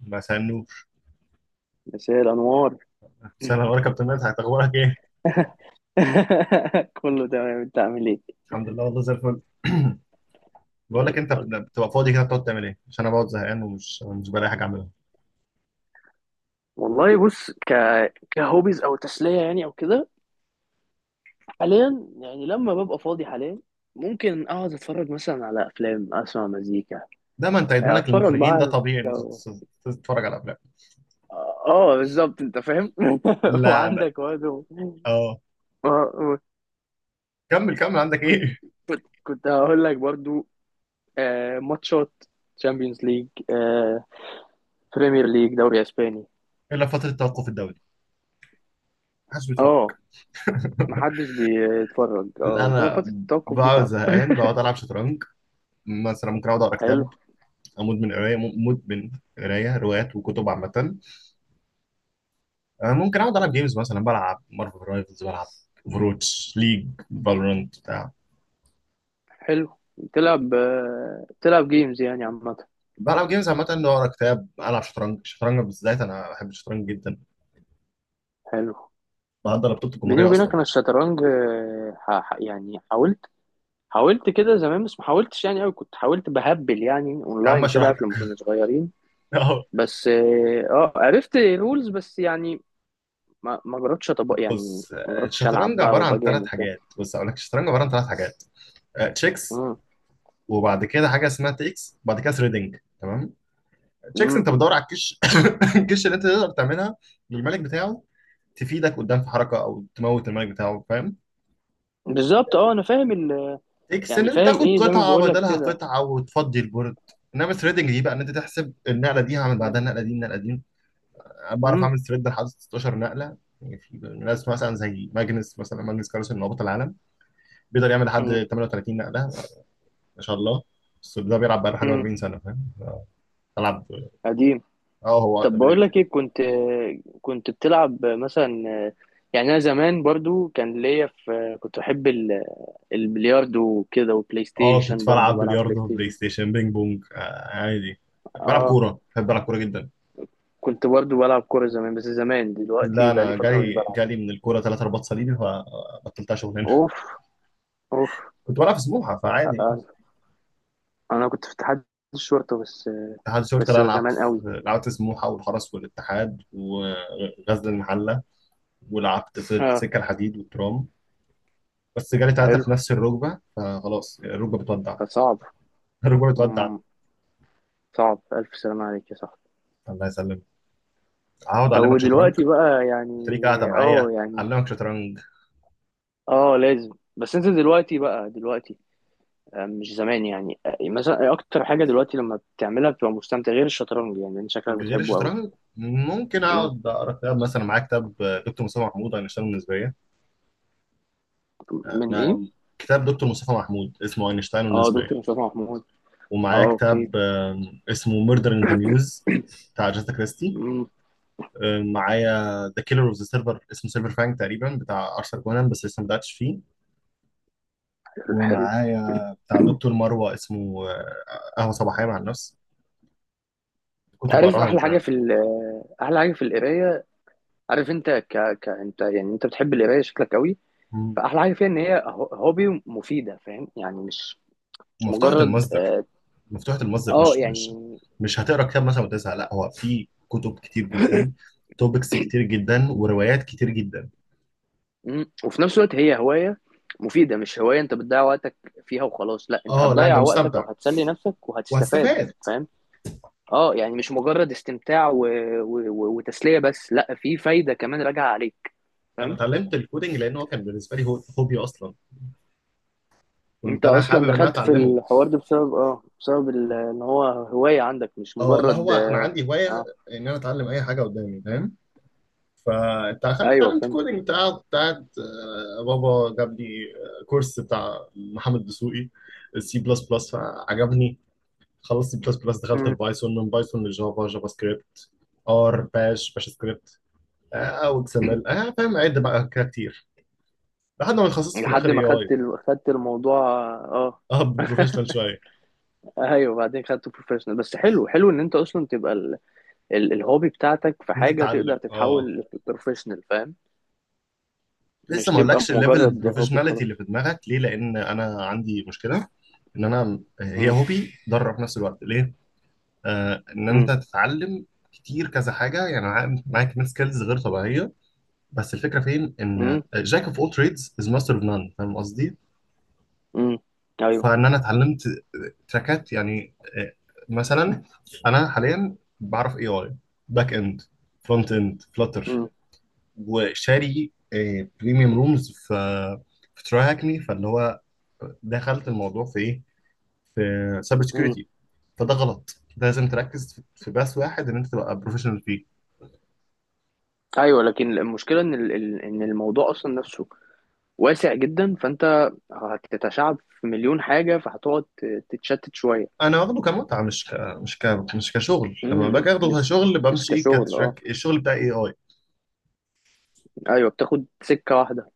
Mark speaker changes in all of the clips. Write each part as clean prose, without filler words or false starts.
Speaker 1: ما سألنوش
Speaker 2: مساء الأنوار.
Speaker 1: سنة، أنا كابتن مات، أخبارك إيه؟
Speaker 2: كله تمام، انت عامل ايه؟
Speaker 1: الحمد لله، والله زي الفل. بقول
Speaker 2: زي
Speaker 1: لك أنت
Speaker 2: الفل.
Speaker 1: بتبقى فاضي كده بتقعد تعمل إيه؟ عشان أنا بقعد زهقان ومش مش بلاقي حاجة أعملها.
Speaker 2: والله بص، كهوبيز او تسلية، يعني او كده. حاليا يعني، لما ببقى فاضي حاليا ممكن اقعد اتفرج مثلا على افلام، اسمع مزيكا.
Speaker 1: ده ما أنت إدمانك
Speaker 2: اتفرج
Speaker 1: للمخرجين ده
Speaker 2: بقى على-
Speaker 1: طبيعي إن أنت
Speaker 2: لو
Speaker 1: تتفرج على أفلام.
Speaker 2: اه بالظبط، انت فاهم.
Speaker 1: لا.
Speaker 2: وعندك برضه.
Speaker 1: أه.
Speaker 2: اه، آه،
Speaker 1: كمل كمل، عندك
Speaker 2: كنت
Speaker 1: إيه؟
Speaker 2: كنت هقول لك برضو، ماتشات، تشامبيونز ليج، بريمير ليج، دوري اسباني.
Speaker 1: إلا فترة التوقف الدولي محدش بيتفرج.
Speaker 2: اه محدش بيتفرج
Speaker 1: لا
Speaker 2: اه،
Speaker 1: أنا
Speaker 2: ففترة التوقف دي
Speaker 1: بقعد
Speaker 2: صعبة.
Speaker 1: زهقان، بقعد ألعب شطرنج. مثلا ممكن أقعد أقرأ
Speaker 2: حلو،
Speaker 1: كتاب، أموت من قراية، مدمن قراية روايات وكتب عامة. ممكن اقعد العب جيمز، مثلا بلعب مارفل رايفلز، بلعب فروتش ليج، فالورانت بتاع.
Speaker 2: حلو. تلعب جيمز يعني عامة.
Speaker 1: بلعب جيمز عامة، إني اقرا كتاب، العب شطرنج. الشطرنج بالذات انا بحب الشطرنج جدا،
Speaker 2: حلو.
Speaker 1: بحضر بطولة
Speaker 2: بيني
Speaker 1: الجمهورية
Speaker 2: وبينك
Speaker 1: اصلا.
Speaker 2: أنا الشطرنج، يعني حاولت، كده زمان بس ما حاولتش يعني أوي، كنت حاولت بهبل يعني،
Speaker 1: يا عم
Speaker 2: أونلاين كده،
Speaker 1: اشرح
Speaker 2: عارف لما
Speaker 1: لك.
Speaker 2: كنا صغيرين.
Speaker 1: أهو.
Speaker 2: بس عرفت رولز بس يعني، ما جربتش أطبق يعني،
Speaker 1: بص،
Speaker 2: ما جربتش ألعب
Speaker 1: الشطرنج
Speaker 2: بقى
Speaker 1: عبارة
Speaker 2: وأبقى
Speaker 1: عن ثلاث
Speaker 2: جامد، فاهم.
Speaker 1: حاجات. بص اقول لك، الشطرنج عبارة عن ثلاث حاجات: تشيكس،
Speaker 2: مم.
Speaker 1: وبعد كده حاجة اسمها تيكس، وبعد كده ثريدنج. تمام. تشيكس
Speaker 2: مم.
Speaker 1: انت بتدور على الكش. الكش اللي انت تقدر تعملها للملك بتاعه، تفيدك قدام في حركة او تموت الملك بتاعه، فاهم.
Speaker 2: بالظبط، اه أنا فاهم
Speaker 1: اكس ان
Speaker 2: يعني
Speaker 1: انت
Speaker 2: فاهم
Speaker 1: تاخد
Speaker 2: إيه، زي ما
Speaker 1: قطعه
Speaker 2: بقول لك
Speaker 1: بدلها
Speaker 2: كده.
Speaker 1: قطعه وتفضي البورد. انما ثريدنج دي بقى ان انت تحسب النقله دي هعمل بعدها
Speaker 2: مم.
Speaker 1: النقله دي النقله دي. انا بعرف
Speaker 2: مم.
Speaker 1: اعمل ثريد لحد 16 نقله. يعني في ناس مثلا زي ماجنس، مثلا ماجنس كارلسن من هبوط العالم بيقدر يعمل لحد 38 نقله. ما شاء الله. بس ده بيلعب بقاله حاجه
Speaker 2: مم.
Speaker 1: 40 سنه، فاهم. بلعب.
Speaker 2: قديم.
Speaker 1: اه هو
Speaker 2: طب
Speaker 1: اقدم مني
Speaker 2: بقول لك
Speaker 1: بكتير.
Speaker 2: ايه، كنت بتلعب مثلا، يعني انا زمان برضو كان ليا في، كنت بحب البلياردو وكده، وبلاي
Speaker 1: اه، كنت
Speaker 2: ستيشن، برضو
Speaker 1: بلعب
Speaker 2: بلعب بلاي
Speaker 1: بلياردو، بلاي
Speaker 2: ستيشن.
Speaker 1: ستيشن، بينج بونج، آه عادي.
Speaker 2: اه.
Speaker 1: بلعب
Speaker 2: اه.
Speaker 1: كوره، بحب العب كوره جدا.
Speaker 2: كنت برضو بلعب كورة زمان، بس زمان،
Speaker 1: لا
Speaker 2: دلوقتي بقى لي
Speaker 1: انا
Speaker 2: فترة مش
Speaker 1: جالي
Speaker 2: بلعب.
Speaker 1: جالي من الكوره ثلاث رباط صليبي فبطلتها شغلانه.
Speaker 2: اوف. اوف.
Speaker 1: كنت بلعب في سموحه فعادي يعني.
Speaker 2: آه، انا كنت في اتحاد الشرطة بس.
Speaker 1: اتحاد الشرطه،
Speaker 2: بس
Speaker 1: لا
Speaker 2: زمان قوي.
Speaker 1: لعبت في سموحه والحرس والاتحاد وغزل المحله، ولعبت في
Speaker 2: اه.
Speaker 1: السكه الحديد والترام. بس جالي ثلاثه
Speaker 2: حلو.
Speaker 1: في نفس الركبه فخلاص الركبه بتودع.
Speaker 2: صعب.
Speaker 1: الركبه بتودع.
Speaker 2: مم. صعب، الف سلامة عليك يا صاحبي.
Speaker 1: الله يسلمك. هقعد
Speaker 2: لو
Speaker 1: اعلمك شطرنج.
Speaker 2: دلوقتي بقى يعني.
Speaker 1: قلت ليك قاعده معايا،
Speaker 2: اه يعني.
Speaker 1: اعلمك شطرنج.
Speaker 2: اه لازم. بس انت دلوقتي، بقى دلوقتي، مش زمان يعني، مثلا اكتر حاجه دلوقتي لما بتعملها بتبقى مستمتع غير الشطرنج؟ يعني انت شكلك
Speaker 1: غير
Speaker 2: بتحبه قوي.
Speaker 1: الشطرنج ممكن
Speaker 2: مم.
Speaker 1: اقعد اقرا كتاب، مثلا معايا كتاب دكتور مصطفى محمود، اينشتاين والنسبيه.
Speaker 2: من ايه؟
Speaker 1: انا كتاب دكتور مصطفى محمود اسمه اينشتاين
Speaker 2: اه،
Speaker 1: والنسبيه.
Speaker 2: دكتور مصطفى محمود.
Speaker 1: ومعايا
Speaker 2: اه، اوكي.
Speaker 1: كتاب اسمه ميردر ان ذا ميوز بتاع جاتا كريستي.
Speaker 2: مم.
Speaker 1: معايا ذا كيلر اوف ذا سيلفر، اسمه سيلفر فانك تقريبا، بتاع ارثر كونان، بس لسه ما بداتش فيه.
Speaker 2: حلو. حلو.
Speaker 1: وبتاع دكتور مروه، اسمه قهوه صباحيه مع النفس. كتب
Speaker 2: عارف
Speaker 1: بقراها ان
Speaker 2: احلى حاجه
Speaker 1: جنرال.
Speaker 2: في احلى حاجه في القرايه، عارف انت ك... ك انت يعني، انت بتحب القرايه شكلك قوي.
Speaker 1: مم.
Speaker 2: فاحلى حاجه فيها ان هي هوبي مفيده، فاهم يعني، مش
Speaker 1: ومفتوحه
Speaker 2: مجرد
Speaker 1: المصدر،
Speaker 2: اه،
Speaker 1: مفتوحه المصدر، مش.
Speaker 2: يعني.
Speaker 1: مش هتقرا كتاب مثلا وتزهق، لا هو في كتب كتير جدا، توبكس كتير جدا، وروايات كتير جدا.
Speaker 2: مم. وفي نفس الوقت هي هواية مفيدة، مش هواية انت بتضيع وقتك فيها وخلاص، لا انت
Speaker 1: اه لا انت
Speaker 2: هتضيع وقتك او
Speaker 1: مستمتع
Speaker 2: هتسلي نفسك وهتستفاد.
Speaker 1: وهتستفاد.
Speaker 2: فاهم. اه يعني، مش مجرد استمتاع وتسلية بس، لا في فايدة كمان راجعة عليك.
Speaker 1: انا
Speaker 2: فاهم.
Speaker 1: اتعلمت الكودينج لان هو كان بالنسبه لي هو هوبي اصلا، كنت
Speaker 2: انت
Speaker 1: انا حابب
Speaker 2: اصلا
Speaker 1: ان انا
Speaker 2: دخلت في
Speaker 1: اتعلمه.
Speaker 2: الحوار ده بسبب، ان هو هواية عندك، مش
Speaker 1: اه لا
Speaker 2: مجرد
Speaker 1: هو انا
Speaker 2: اه،
Speaker 1: عندي هوايه
Speaker 2: آه.
Speaker 1: ان انا اتعلم اي حاجه قدامي، فاهم. فانت دخلت
Speaker 2: ايوه
Speaker 1: اتعلمت كودنج،
Speaker 2: فهمتك.
Speaker 1: انت كنت قاعد بابا جاب لي كورس بتاع محمد دسوقي، سي بلس بلس، فعجبني. خلصت سي بلس بلس دخلت في
Speaker 2: مم.
Speaker 1: بايثون، من بايثون لجافا، جافا سكريبت، ار باش، باش سكريبت، او اكس ام ال، اه فاهم، عد بقى كده كتير لحد ما اتخصصت في
Speaker 2: لحد
Speaker 1: الاخر اي
Speaker 2: ما خدت
Speaker 1: اي.
Speaker 2: خدت الموضوع. اه.
Speaker 1: اه بروفيشنال شويه.
Speaker 2: ايوه بعدين خدته بروفيشنال، بس حلو حلو، ان انت اصلا تبقى الهوبي بتاعتك في
Speaker 1: ان انت
Speaker 2: حاجة
Speaker 1: تتعلم.
Speaker 2: تقدر
Speaker 1: اه
Speaker 2: تتحول لبروفيشنال، فاهم.
Speaker 1: لسه
Speaker 2: مش
Speaker 1: ما
Speaker 2: تبقى
Speaker 1: اقولكش الليفل
Speaker 2: مجرد هوبي
Speaker 1: البروفيشناليتي
Speaker 2: خلاص.
Speaker 1: اللي في دماغك ليه، لان انا عندي مشكله ان انا هي
Speaker 2: مم.
Speaker 1: هوبي ضرر في نفس الوقت، ليه. آه ان انت
Speaker 2: مم.
Speaker 1: تتعلم كتير كذا حاجه، يعني معاك كمية سكيلز غير طبيعيه. بس الفكره فين، ان
Speaker 2: مم.
Speaker 1: جاك اوف اول تريدز از ماستر اوف نان، فاهم قصدي.
Speaker 2: مم. ايوه.
Speaker 1: فان انا اتعلمت تراكات يعني آه، مثلا انا حاليا بعرف اي اي، باك اند، فرونت اند، فلاتر،
Speaker 2: مم.
Speaker 1: وشاري بريميوم رومز في في تراي هاكني فاللي هو دخلت الموضوع في ايه، في سايبر
Speaker 2: مم.
Speaker 1: سكيورتي. فده غلط، ده لازم تركز في بس واحد ان انت تبقى بروفيشنال فيه.
Speaker 2: ايوه، لكن المشكلة ان ان الموضوع اصلا نفسه واسع جدا، فانت هتتشعب في مليون حاجة، فهتقعد تتشتت شوية.
Speaker 1: انا واخده كمتعه، مش كشغل. لما
Speaker 2: مم.
Speaker 1: باجي اخده كشغل
Speaker 2: مش
Speaker 1: بمشي ايه،
Speaker 2: كشغل اه.
Speaker 1: كتراك الشغل بتاع اي اي.
Speaker 2: ايوه، بتاخد سكة واحدة.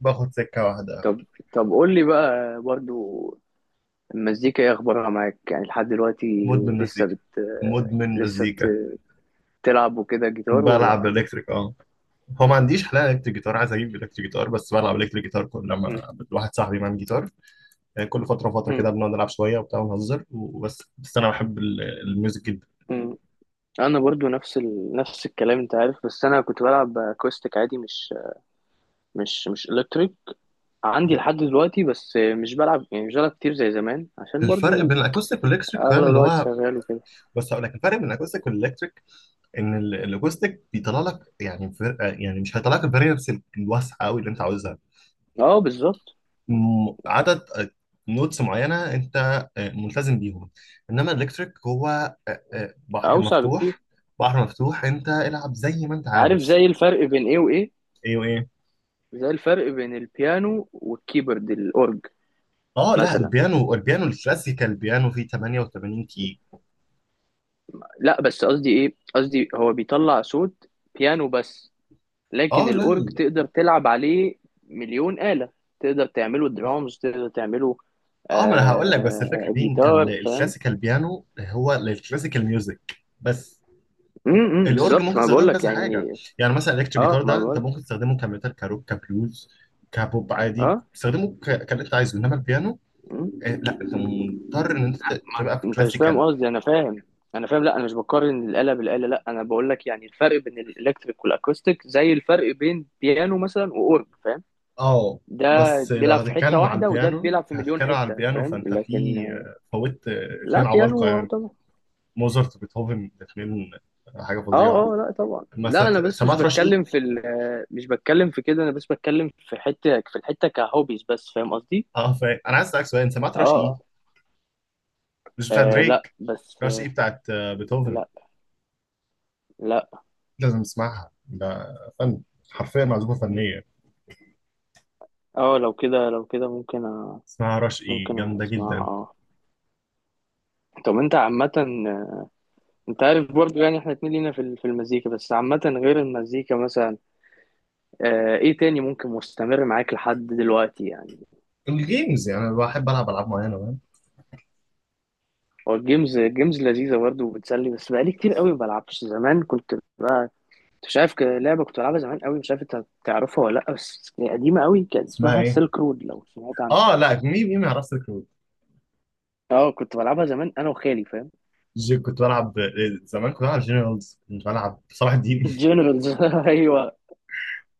Speaker 1: باخد سكه واحده.
Speaker 2: طب، قول لي بقى برضو، المزيكا ايه اخبارها معاك، يعني لحد دلوقتي؟
Speaker 1: مدمن
Speaker 2: لسه
Speaker 1: مزيكا.
Speaker 2: بت
Speaker 1: مدمن
Speaker 2: لسه
Speaker 1: مزيكا.
Speaker 2: تلعب وكده جيتار
Speaker 1: بلعب
Speaker 2: ولا؟
Speaker 1: الكتريك اه، هو ما عنديش حلقه الكتريك جيتار، عايز اجيب الكتريك جيتار، بس بلعب الكتريك جيتار كل
Speaker 2: مم.
Speaker 1: لما واحد صاحبي معاه جيتار. يعني كل فترة وفترة
Speaker 2: مم.
Speaker 1: كده بنقعد نلعب شوية وبتاع ونهزر، بس أنا بحب الميوزك جدا.
Speaker 2: مم. انا برضو نفس نفس الكلام، انت عارف، بس انا كنت بلعب اكوستيك عادي، مش الكتريك، عندي لحد دلوقتي، بس مش بلعب يعني، مش بلعب كتير زي زمان، عشان
Speaker 1: الفرق
Speaker 2: برضو
Speaker 1: بين الأكوستيك والإلكتريك، فاهم
Speaker 2: اغلب
Speaker 1: اللي
Speaker 2: الوقت
Speaker 1: هو،
Speaker 2: شغال وكده.
Speaker 1: بس هقول لك الفرق بين الأكوستيك والإلكتريك، إن الأكوستيك بيطلع لك يعني يعني مش هيطلع لك الفاريبلز الواسعة أوي اللي أنت عاوزها.
Speaker 2: اه بالظبط.
Speaker 1: عدد نوتس معينة أنت ملتزم بيهم. إنما الإلكتريك هو بحر
Speaker 2: اوسع بكتير.
Speaker 1: مفتوح. بحر مفتوح، أنت العب زي ما أنت
Speaker 2: عارف
Speaker 1: عاوز.
Speaker 2: زي الفرق بين ايه وايه؟
Speaker 1: ايوه ايه.
Speaker 2: زي الفرق بين البيانو والكيبورد، الاورج
Speaker 1: اه لا
Speaker 2: مثلا.
Speaker 1: البيانو، البيانو الكلاسيكال، البيانو فيه 88.
Speaker 2: لا بس قصدي، ايه قصدي هو بيطلع صوت بيانو بس، لكن
Speaker 1: اه لا
Speaker 2: الأورج
Speaker 1: ال-
Speaker 2: تقدر تلعب عليه مليون آلة، تقدر تعمله درامز، تقدر تعمله
Speaker 1: اه ما انا هقول لك بس الفكره فين،
Speaker 2: جيتار، فاهم.
Speaker 1: الكلاسيكال بيانو هو للكلاسيكال ميوزك بس. الاورج
Speaker 2: بالظبط،
Speaker 1: ممكن
Speaker 2: ما
Speaker 1: تستخدمه في
Speaker 2: بقولك
Speaker 1: كذا حاجه.
Speaker 2: يعني.
Speaker 1: يعني مثلا الكتريك
Speaker 2: اه،
Speaker 1: جيتار
Speaker 2: ما
Speaker 1: ده انت
Speaker 2: بقولك.
Speaker 1: ممكن تستخدمه كميتال، كروك، كبلوز، كبوب، عادي
Speaker 2: اه.
Speaker 1: تستخدمه كاللي انت عايزه. انما البيانو
Speaker 2: مم.
Speaker 1: لا انت مضطر ان انت
Speaker 2: ما
Speaker 1: تبقى في
Speaker 2: انت مش فاهم
Speaker 1: كلاسيكال.
Speaker 2: قصدي، انا فاهم، لا انا مش بقارن الآلة بالآلة، لا انا بقولك يعني الفرق بين الالكتريك والاكوستيك زي الفرق بين بيانو مثلا واورج، فاهم.
Speaker 1: اه
Speaker 2: ده
Speaker 1: بس لو
Speaker 2: بيلعب في حتة
Speaker 1: هتتكلم على
Speaker 2: واحدة، وده
Speaker 1: البيانو،
Speaker 2: بيلعب في مليون
Speaker 1: هتتكلم على
Speaker 2: حتة،
Speaker 1: البيانو
Speaker 2: فاهم،
Speaker 1: فانت
Speaker 2: لكن
Speaker 1: في فوت
Speaker 2: لا
Speaker 1: اتنين عمالقه
Speaker 2: بيانو.
Speaker 1: يعني، موزارت وبيتهوفن، الاتنين حاجه
Speaker 2: اه،
Speaker 1: فظيعه.
Speaker 2: اه، لا طبعا، لا
Speaker 1: مثلا
Speaker 2: انا بس مش
Speaker 1: سمعت رش.
Speaker 2: بتكلم في مش بتكلم في كده، انا بس بتكلم في حته، في الحته كهوبيز بس، فاهم قصدي.
Speaker 1: اه فاهم، انا عايز اسالك سؤال، انت سمعت
Speaker 2: اه.
Speaker 1: رش
Speaker 2: اه.
Speaker 1: ايه؟ مش بتاعت
Speaker 2: لا
Speaker 1: دريك،
Speaker 2: بس
Speaker 1: رش ايه بتاعت بيتهوفن.
Speaker 2: لا، لا.
Speaker 1: لازم تسمعها، ده فن، حرفيا معزوفه فنيه،
Speaker 2: اه لو كده، ممكن
Speaker 1: اسمها رش ايه،
Speaker 2: ممكن
Speaker 1: جامده
Speaker 2: اسمعها،
Speaker 1: جدا.
Speaker 2: اه. طب انت عامة، انت عارف برضو يعني احنا اتنين لينا في في المزيكا، بس عامة غير المزيكا مثلا، ايه تاني ممكن مستمر معاك لحد دلوقتي يعني؟
Speaker 1: الجيمز يعني انا بحب العب العاب معينه، فاهم.
Speaker 2: هو الجيمز، الجيمز لذيذة برضو وبتسلي، بس بقالي كتير قوي ما بلعبش، زمان كنت بقى مش عارف، لعبة كنت بلعبها زمان قوي، مش عارف انت هتعرفها ولا لأ، بس هي قديمة قوي، كان
Speaker 1: اسمها
Speaker 2: اسمها
Speaker 1: ايه؟
Speaker 2: سيلك رود، لو سمعت عنها.
Speaker 1: اه لا، مين مين ما يعرفش الكروت.
Speaker 2: اه كنت بلعبها زمان انا وخالي، فاهم.
Speaker 1: جي كنت بلعب زمان كنت بلعب جنرالز، كنت بلعب صلاح الدين.
Speaker 2: جنرالز. ايوه.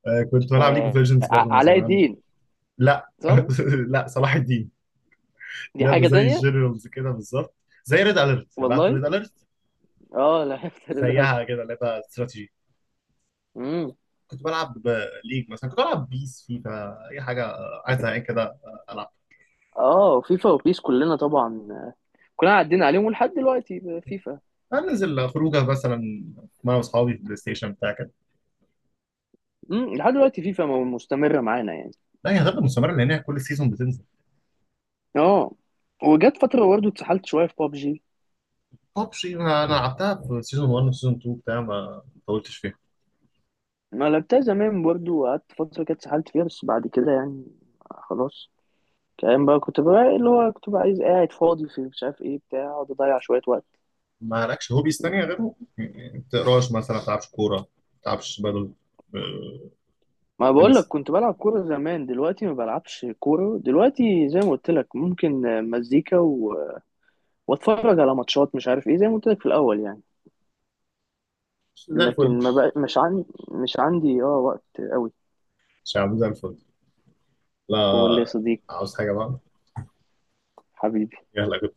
Speaker 1: كنت بلعب ليج اوف ليجندز برضه من
Speaker 2: علاء
Speaker 1: زمان.
Speaker 2: الدين؟
Speaker 1: لا
Speaker 2: صح.
Speaker 1: لا صلاح الدين.
Speaker 2: دي
Speaker 1: لعبه
Speaker 2: حاجة
Speaker 1: زي
Speaker 2: تانية.
Speaker 1: الجنرالز كده بالظبط، زي ريد اليرت، لعبت
Speaker 2: والله.
Speaker 1: ريد اليرت.
Speaker 2: اه لعبت للألف.
Speaker 1: زيها كده لعبه استراتيجي.
Speaker 2: امم.
Speaker 1: كنت بلعب ليج، مثلا كنت بلعب بيس، فيفا، اي حاجه عايز زهقان كده العب.
Speaker 2: اه، فيفا وبيس كلنا طبعا، كلنا عدينا عليهم، ولحد دلوقتي فيفا.
Speaker 1: انزل خروجه مثلا مع اصحابي في بلاي ستيشن بتاع كده.
Speaker 2: لحد دلوقتي فيفا مستمرة معانا يعني.
Speaker 1: لا هي هتفضل مستمره لان هي كل سيزون بتنزل.
Speaker 2: اه، وجت فترة برضه اتسحلت شوية في بابجي.
Speaker 1: ببجي انا، أنا لعبتها في سيزون 1 وسيزون 2 بتاع، ما طولتش فيها.
Speaker 2: ما لعبتها زمان برضو، وقعدت فترة كده اتسحلت فيها، بس بعد كده يعني خلاص. كمان بقى، كنت بقى عايز، قاعد فاضي في، مش عارف ايه بتاع، اقعد اضيع شوية وقت.
Speaker 1: ما لكش هوبيز تانية غيره؟ يعني ما بتقراش مثلا، ما بتلعبش كوره، ما بتلعبش بدل آه،
Speaker 2: ما بقول لك
Speaker 1: تنس.
Speaker 2: كنت بلعب كورة زمان، دلوقتي ما بلعبش كورة، دلوقتي زي ما قلت لك، ممكن مزيكا واتفرج على ماتشات، مش عارف ايه، زي ما قلت لك في الاول يعني.
Speaker 1: زي الفل.
Speaker 2: لكن ما بقى مش عندي، اه وقت قوي.
Speaker 1: شعب زي الفل. لا.
Speaker 2: قول لي يا صديقي.
Speaker 1: عاوز حاجه بقى؟
Speaker 2: حبيبي.
Speaker 1: يلا كنت.